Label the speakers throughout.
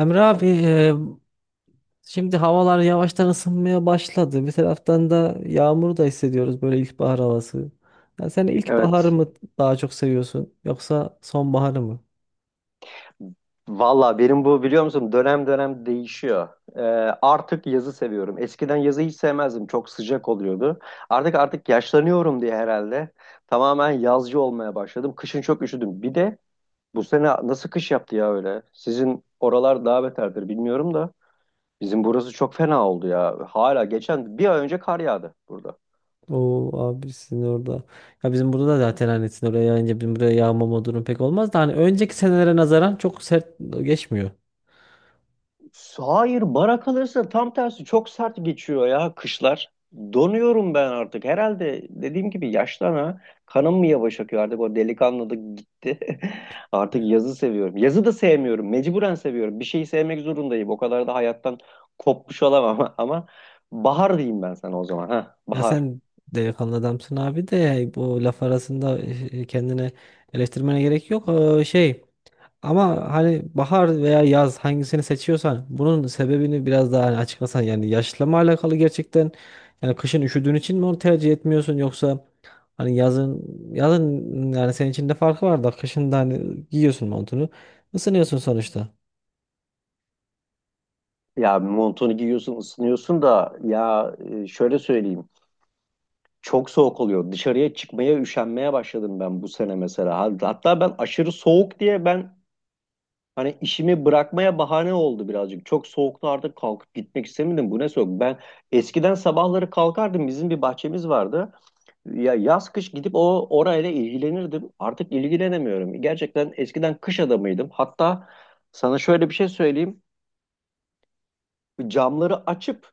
Speaker 1: Emre abi şimdi havalar yavaştan ısınmaya başladı. Bir taraftan da yağmur da hissediyoruz böyle ilkbahar havası. Ya sen ilkbaharı
Speaker 2: Evet.
Speaker 1: mı daha çok seviyorsun yoksa sonbaharı mı?
Speaker 2: Valla benim bu biliyor musun dönem dönem değişiyor. Ee, Artık yazı seviyorum. Eskiden yazı hiç sevmezdim. Çok sıcak oluyordu. Artık yaşlanıyorum diye herhalde tamamen yazcı olmaya başladım. Kışın çok üşüdüm. Bir de bu sene nasıl kış yaptı ya öyle? Sizin oralar daha beterdir bilmiyorum da. Bizim burası çok fena oldu ya. Hala geçen bir ay önce kar yağdı burada.
Speaker 1: Oo abi sizin orada. Ya bizim burada da zaten hani sizin oraya yayınca bizim buraya yağmama durum pek olmaz da hani önceki senelere nazaran çok sert geçmiyor.
Speaker 2: Hayır, bara kalırsa tam tersi çok sert geçiyor ya kışlar. Donuyorum ben artık. Herhalde dediğim gibi yaştan ha. Kanım mı yavaş akıyor artık o delikanlılık gitti. Artık yazı seviyorum. Yazı da sevmiyorum. Mecburen seviyorum. Bir şeyi sevmek zorundayım. O kadar da hayattan kopmuş olamam ama bahar diyeyim ben sana o zaman. Ha,
Speaker 1: Ya
Speaker 2: bahar.
Speaker 1: sen delikanlı adamsın abi de yani bu laf arasında kendine eleştirmene gerek yok. Ama hani bahar veya yaz hangisini seçiyorsan bunun sebebini biraz daha hani açıklasan yani yaşla mı alakalı gerçekten yani kışın üşüdüğün için mi onu tercih etmiyorsun yoksa hani yazın yani senin için de farkı var da kışın da hani giyiyorsun montunu ısınıyorsun sonuçta.
Speaker 2: Ya montunu giyiyorsun, ısınıyorsun da ya şöyle söyleyeyim. Çok soğuk oluyor. Dışarıya çıkmaya üşenmeye başladım ben bu sene mesela. Hatta ben aşırı soğuk diye ben hani işimi bırakmaya bahane oldu birazcık. Çok soğukta artık kalkıp gitmek istemedim. Bu ne soğuk? Ben eskiden sabahları kalkardım. Bizim bir bahçemiz vardı. Ya yaz kış gidip o orayla ilgilenirdim. Artık ilgilenemiyorum. Gerçekten eskiden kış adamıydım. Hatta sana şöyle bir şey söyleyeyim. Camları açıp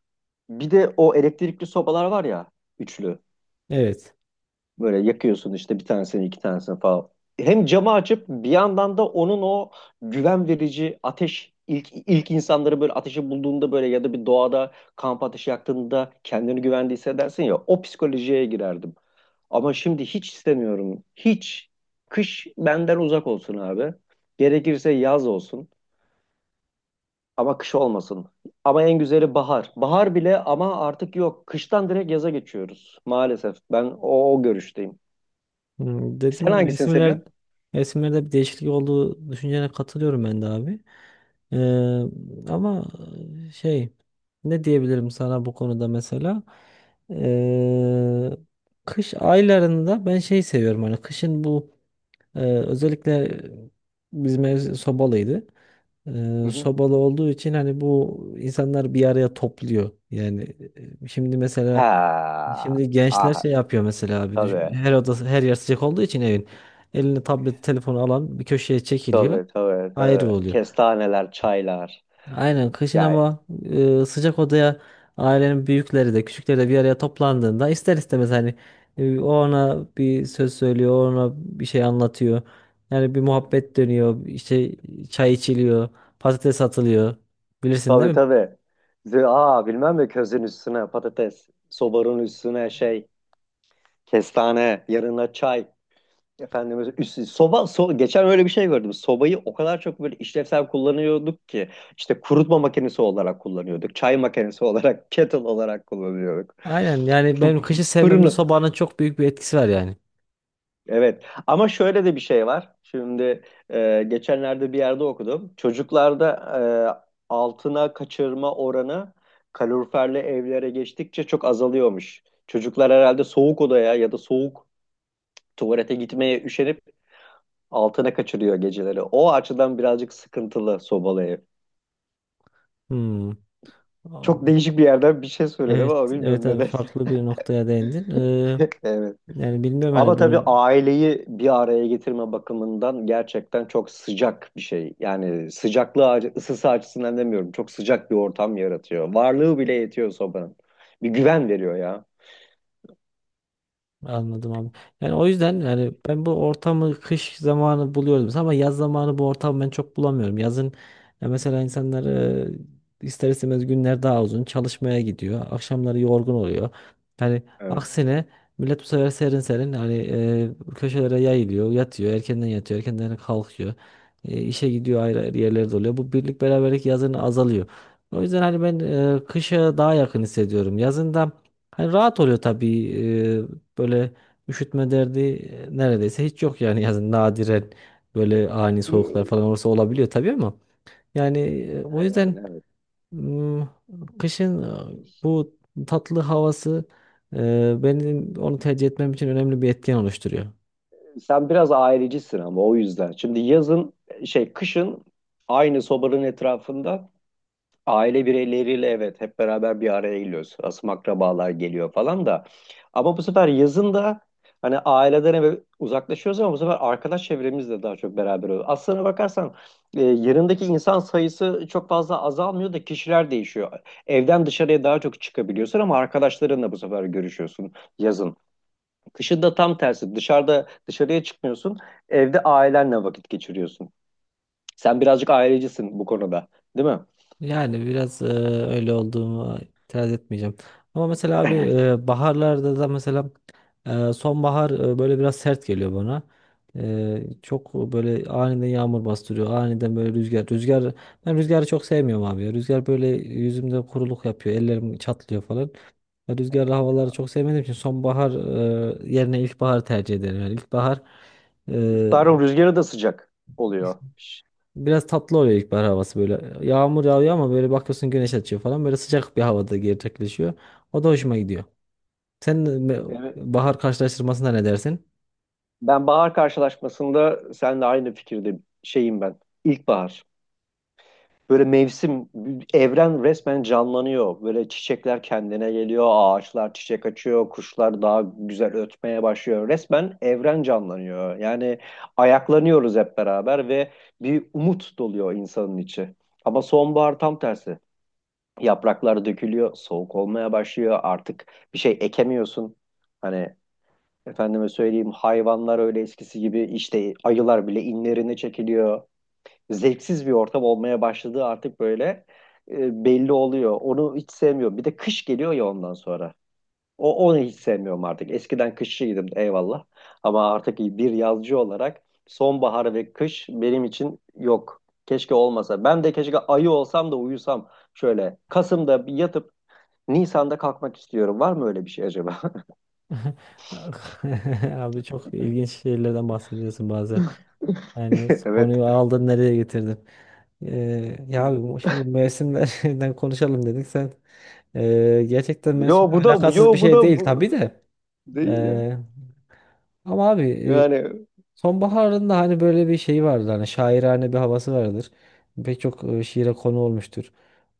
Speaker 2: bir de o elektrikli sobalar var ya üçlü.
Speaker 1: Evet.
Speaker 2: Böyle yakıyorsun işte bir tanesini iki tanesini falan. Hem camı açıp bir yandan da onun o güven verici ateş ilk insanları böyle ateşi bulduğunda böyle ya da bir doğada kamp ateşi yaktığında kendini güvende hissedersin ya o psikolojiye girerdim. Ama şimdi hiç istemiyorum. Hiç. Kış benden uzak olsun abi. Gerekirse yaz olsun ama kış olmasın. Ama en güzeli bahar. Bahar bile ama artık yok. Kıştan direkt yaza geçiyoruz. Maalesef ben o görüşteyim.
Speaker 1: Dediğim
Speaker 2: Sen
Speaker 1: gibi
Speaker 2: hangisini
Speaker 1: resimler
Speaker 2: seviyorsun?
Speaker 1: resimlerde bir değişiklik olduğu düşüncene katılıyorum ben de abi. Ee, Ama e, şey ne diyebilirim sana bu konuda mesela. Ee, Kış aylarında ben seviyorum hani kışın bu özellikle bizim ev sobalıydı.
Speaker 2: Hı hı.
Speaker 1: Sobalı olduğu için hani bu insanlar bir araya topluyor. Yani şimdi mesela.
Speaker 2: Ha,
Speaker 1: Şimdi gençler şey
Speaker 2: ah,
Speaker 1: yapıyor mesela abi.
Speaker 2: tabii,
Speaker 1: Her odası her yer sıcak olduğu için evin. Eline tablet telefonu alan bir köşeye çekiliyor.
Speaker 2: tabii, tabii,
Speaker 1: Ayrı
Speaker 2: tabii.
Speaker 1: oluyor.
Speaker 2: Kestaneler, çaylar.
Speaker 1: Aynen kışın
Speaker 2: Yani
Speaker 1: ama sıcak odaya ailenin büyükleri de küçükleri de bir araya toplandığında ister istemez hani o ona bir söz söylüyor, o ona bir şey anlatıyor. Yani bir muhabbet dönüyor, işte çay içiliyor, patates atılıyor. Bilirsin
Speaker 2: tabii,
Speaker 1: değil mi?
Speaker 2: tabii. Aa bilmem mi, közün üstüne patates, sobanın üstüne şey, kestane, yanına çay. Efendim geçen öyle bir şey gördüm. Sobayı o kadar çok böyle işlevsel kullanıyorduk ki işte kurutma makinesi olarak kullanıyorduk. Çay makinesi olarak, kettle olarak kullanıyorduk.
Speaker 1: Aynen yani benim kışı sevmemde
Speaker 2: Fırını
Speaker 1: sobanın çok büyük bir etkisi var yani.
Speaker 2: evet ama şöyle de bir şey var. Şimdi geçenlerde bir yerde okudum. Çocuklarda altına kaçırma oranı kaloriferli evlere geçtikçe çok azalıyormuş. Çocuklar herhalde soğuk odaya ya da soğuk tuvalete gitmeye üşenip altına kaçırıyor geceleri. O açıdan birazcık sıkıntılı sobalı ev.
Speaker 1: Hmm.
Speaker 2: Çok değişik bir yerden bir şey söyledim
Speaker 1: Evet,
Speaker 2: ama
Speaker 1: evet
Speaker 2: bilmiyorum ne
Speaker 1: abi
Speaker 2: dersin.
Speaker 1: farklı bir noktaya değindin.
Speaker 2: Evet.
Speaker 1: Yani bilmiyorum
Speaker 2: Ama
Speaker 1: hani
Speaker 2: tabii
Speaker 1: bunu.
Speaker 2: aileyi bir araya getirme bakımından gerçekten çok sıcak bir şey. Yani sıcaklığı, ısısı açısından demiyorum. Çok sıcak bir ortam yaratıyor. Varlığı bile yetiyor sobanın. Bir güven veriyor ya.
Speaker 1: Anladım abi. Yani o yüzden yani ben bu ortamı kış zamanı buluyordum ama yaz zamanı bu ortamı ben çok bulamıyorum. Yazın ya mesela insanlar ister istemez günler daha uzun çalışmaya gidiyor. Akşamları yorgun oluyor. Yani
Speaker 2: Evet.
Speaker 1: aksine millet bu sefer serin serin hani köşelere yayılıyor, yatıyor, erkenden yatıyor, erkenden kalkıyor. İşe gidiyor ayrı ayrı yerlerde oluyor. Bu birlik beraberlik yazın azalıyor. O yüzden hani ben kışa daha yakın hissediyorum. Yazında hani rahat oluyor tabii. Böyle üşütme derdi neredeyse hiç yok yani yazın nadiren böyle ani soğuklar falan olursa olabiliyor tabii ama yani o yüzden
Speaker 2: Yani evet.
Speaker 1: m, kışın bu tatlı havası benim onu tercih etmem için önemli bir etken oluşturuyor.
Speaker 2: Sen biraz ailecisin ama o yüzden. Şimdi yazın şey, kışın aynı sobanın etrafında aile bireyleriyle evet hep beraber bir araya geliyoruz. Asım akrabalar geliyor falan da. Ama bu sefer yazın da hani aileden eve uzaklaşıyoruz ama bu sefer arkadaş çevremizle daha çok beraber oluyoruz. Aslına bakarsan yanındaki insan sayısı çok fazla azalmıyor da kişiler değişiyor. Evden dışarıya daha çok çıkabiliyorsun ama arkadaşlarınla bu sefer görüşüyorsun yazın. Kışın da tam tersi. Dışarıya çıkmıyorsun. Evde ailenle vakit geçiriyorsun. Sen birazcık ailecisin bu konuda, değil mi?
Speaker 1: Yani biraz öyle olduğumu itiraz etmeyeceğim. Ama mesela abi
Speaker 2: Evet.
Speaker 1: baharlarda da mesela sonbahar böyle biraz sert geliyor bana. Çok böyle aniden yağmur bastırıyor. Aniden böyle rüzgar. Rüzgar, ben rüzgarı çok sevmiyorum abi ya. Rüzgar böyle yüzümde kuruluk yapıyor. Ellerim çatlıyor falan. Ya rüzgarlı
Speaker 2: Evet
Speaker 1: havaları
Speaker 2: ya.
Speaker 1: çok sevmediğim için sonbahar yerine ilkbaharı tercih ederim. Yani ilkbahar
Speaker 2: İlkbaharın rüzgarı da sıcak oluyor.
Speaker 1: biraz tatlı oluyor ilkbahar havası böyle. Yağmur yağıyor ama böyle bakıyorsun güneş açıyor falan. Böyle sıcak bir havada gerçekleşiyor. O da hoşuma gidiyor. Sen
Speaker 2: Evet.
Speaker 1: bahar karşılaştırmasına ne dersin?
Speaker 2: Ben bahar karşılaşmasında seninle aynı fikirde şeyim ben. İlkbahar. Böyle mevsim, evren resmen canlanıyor. Böyle çiçekler kendine geliyor, ağaçlar çiçek açıyor, kuşlar daha güzel ötmeye başlıyor. Resmen evren canlanıyor. Yani ayaklanıyoruz hep beraber ve bir umut doluyor insanın içi. Ama sonbahar tam tersi. Yapraklar dökülüyor, soğuk olmaya başlıyor. Artık bir şey ekemiyorsun. Hani efendime söyleyeyim hayvanlar öyle eskisi gibi işte ayılar bile inlerine çekiliyor. Zevksiz bir ortam olmaya başladığı artık böyle belli oluyor. Onu hiç sevmiyorum. Bir de kış geliyor ya ondan sonra. Onu hiç sevmiyorum artık. Eskiden kışçıydım eyvallah. Ama artık bir yazcı olarak sonbahar ve kış benim için yok. Keşke olmasa. Ben de keşke ayı olsam da uyusam. Şöyle Kasım'da bir yatıp Nisan'da kalkmak istiyorum. Var mı öyle bir şey acaba?
Speaker 1: Abi çok ilginç şeylerden bahsediyorsun bazen. Yani
Speaker 2: Evet.
Speaker 1: konuyu aldın nereye getirdin? Ya şimdi mevsimlerden konuşalım dedik. Sen gerçekten
Speaker 2: Yo
Speaker 1: mevsimle
Speaker 2: bu da
Speaker 1: alakasız bir
Speaker 2: yo bu
Speaker 1: şey
Speaker 2: da
Speaker 1: değil
Speaker 2: bu
Speaker 1: tabii de.
Speaker 2: değil ya.
Speaker 1: Ee, Ama abi
Speaker 2: Yani evet.
Speaker 1: sonbaharın da hani böyle bir şeyi vardır. Hani şairane bir havası vardır. Pek çok şiire konu olmuştur.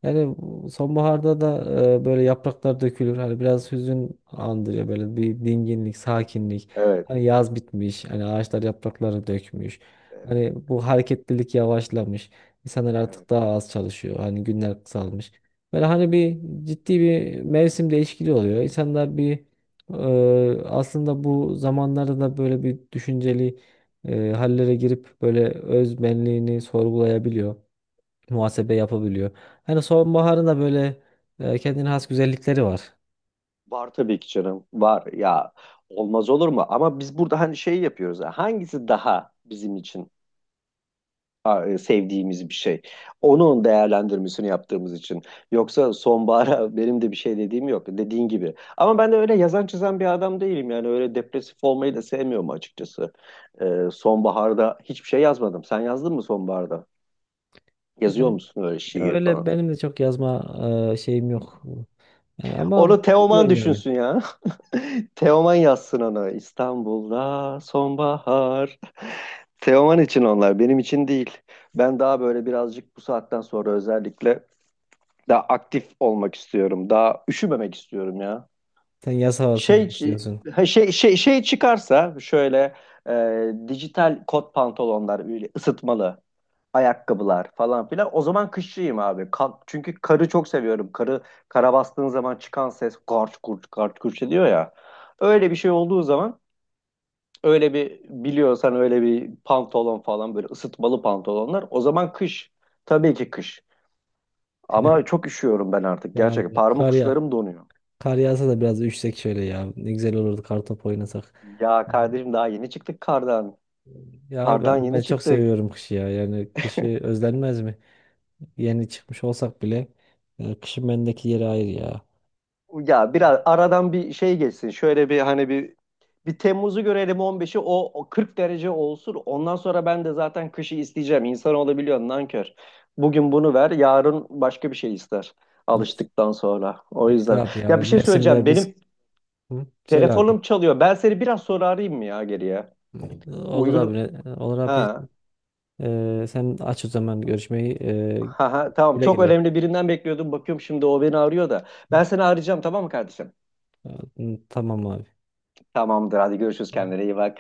Speaker 1: Yani bu sonbaharda da böyle yapraklar dökülür. Hani biraz hüzün andırıyor böyle bir dinginlik,
Speaker 2: Evet.
Speaker 1: sakinlik.
Speaker 2: Evet.
Speaker 1: Hani yaz bitmiş, hani ağaçlar yapraklarını dökmüş.
Speaker 2: Evet.
Speaker 1: Hani bu hareketlilik yavaşlamış. İnsanlar
Speaker 2: Evet.
Speaker 1: artık daha az çalışıyor. Hani günler
Speaker 2: Evet.
Speaker 1: kısalmış. Böyle hani bir ciddi bir mevsim değişikliği oluyor. İnsanlar bir aslında bu zamanlarda da böyle bir düşünceli hallere girip böyle öz benliğini sorgulayabiliyor, muhasebe yapabiliyor. Hani sonbaharın da böyle kendine has güzellikleri var.
Speaker 2: Var tabii ki canım. Var ya. Olmaz olur mu? Ama biz burada hani şey yapıyoruz ya, hangisi daha bizim için sevdiğimiz bir şey? Onun değerlendirmesini yaptığımız için. Yoksa sonbahara benim de bir şey dediğim yok. Dediğin gibi. Ama ben de öyle yazan çizen bir adam değilim. Yani öyle depresif olmayı da sevmiyorum açıkçası. Sonbaharda hiçbir şey yazmadım. Sen yazdın mı sonbaharda? Yazıyor
Speaker 1: Yani
Speaker 2: musun öyle şiir
Speaker 1: öyle
Speaker 2: falan?
Speaker 1: benim de çok yazma şeyim yok. Yani ama
Speaker 2: Onu Teoman
Speaker 1: biliyorum yani.
Speaker 2: düşünsün ya. Teoman yazsın onu. İstanbul'da sonbahar. Teoman için onlar, benim için değil. Ben daha böyle birazcık bu saatten sonra özellikle daha aktif olmak istiyorum. Daha üşümemek istiyorum ya.
Speaker 1: Sen yaz havasını
Speaker 2: Şey
Speaker 1: istiyorsun.
Speaker 2: ha, şey çıkarsa şöyle dijital kot pantolonlar böyle ısıtmalı ayakkabılar falan filan. O zaman kışçıyım abi. Çünkü karı çok seviyorum. Karı kara bastığın zaman çıkan ses garç kurç garç kurç ediyor ya. Öyle bir şey olduğu zaman öyle bir biliyorsan öyle bir pantolon falan böyle ısıtmalı pantolonlar. O zaman kış. Tabii ki kış. Ama çok üşüyorum ben artık
Speaker 1: Ya
Speaker 2: gerçekten.
Speaker 1: abi,
Speaker 2: Parmak
Speaker 1: kar ya
Speaker 2: uçlarım donuyor.
Speaker 1: kar yağsa da biraz üşsek şöyle ya. Ne güzel olurdu kartop oynasak.
Speaker 2: Ya
Speaker 1: Yani,
Speaker 2: kardeşim daha yeni çıktık kardan.
Speaker 1: ya abi
Speaker 2: Kardan
Speaker 1: ama
Speaker 2: yeni
Speaker 1: ben çok
Speaker 2: çıktık.
Speaker 1: seviyorum kışı ya. Yani kışı özlenmez mi? Yeni çıkmış olsak bile kışın bendeki yeri ayrı ya.
Speaker 2: Ya biraz aradan bir şey geçsin. Şöyle bir hani bir Temmuz'u görelim, 15'i, o 40 derece olsun. Ondan sonra ben de zaten kışı isteyeceğim. İnsan olabiliyor nankör. Bugün bunu ver, yarın başka bir şey ister.
Speaker 1: Neyse,
Speaker 2: Alıştıktan sonra. O
Speaker 1: neyse
Speaker 2: yüzden.
Speaker 1: abi ya.
Speaker 2: Ya bir şey söyleyeceğim.
Speaker 1: Mevsimler biz...
Speaker 2: Benim
Speaker 1: Hı? Söyle abi.
Speaker 2: telefonum çalıyor. Ben seni biraz sonra arayayım mı ya geriye?
Speaker 1: Olur abi.
Speaker 2: Uygun.
Speaker 1: Olur abi.
Speaker 2: Ha,
Speaker 1: Sen aç o zaman görüşmeyi.
Speaker 2: ha, ha, tamam.
Speaker 1: Güle
Speaker 2: Çok
Speaker 1: güle.
Speaker 2: önemli birinden bekliyordum. Bakıyorum şimdi o beni arıyor da. Ben seni arayacağım tamam mı kardeşim?
Speaker 1: Tamam abi.
Speaker 2: Tamamdır. Hadi görüşürüz. Kendine iyi bak.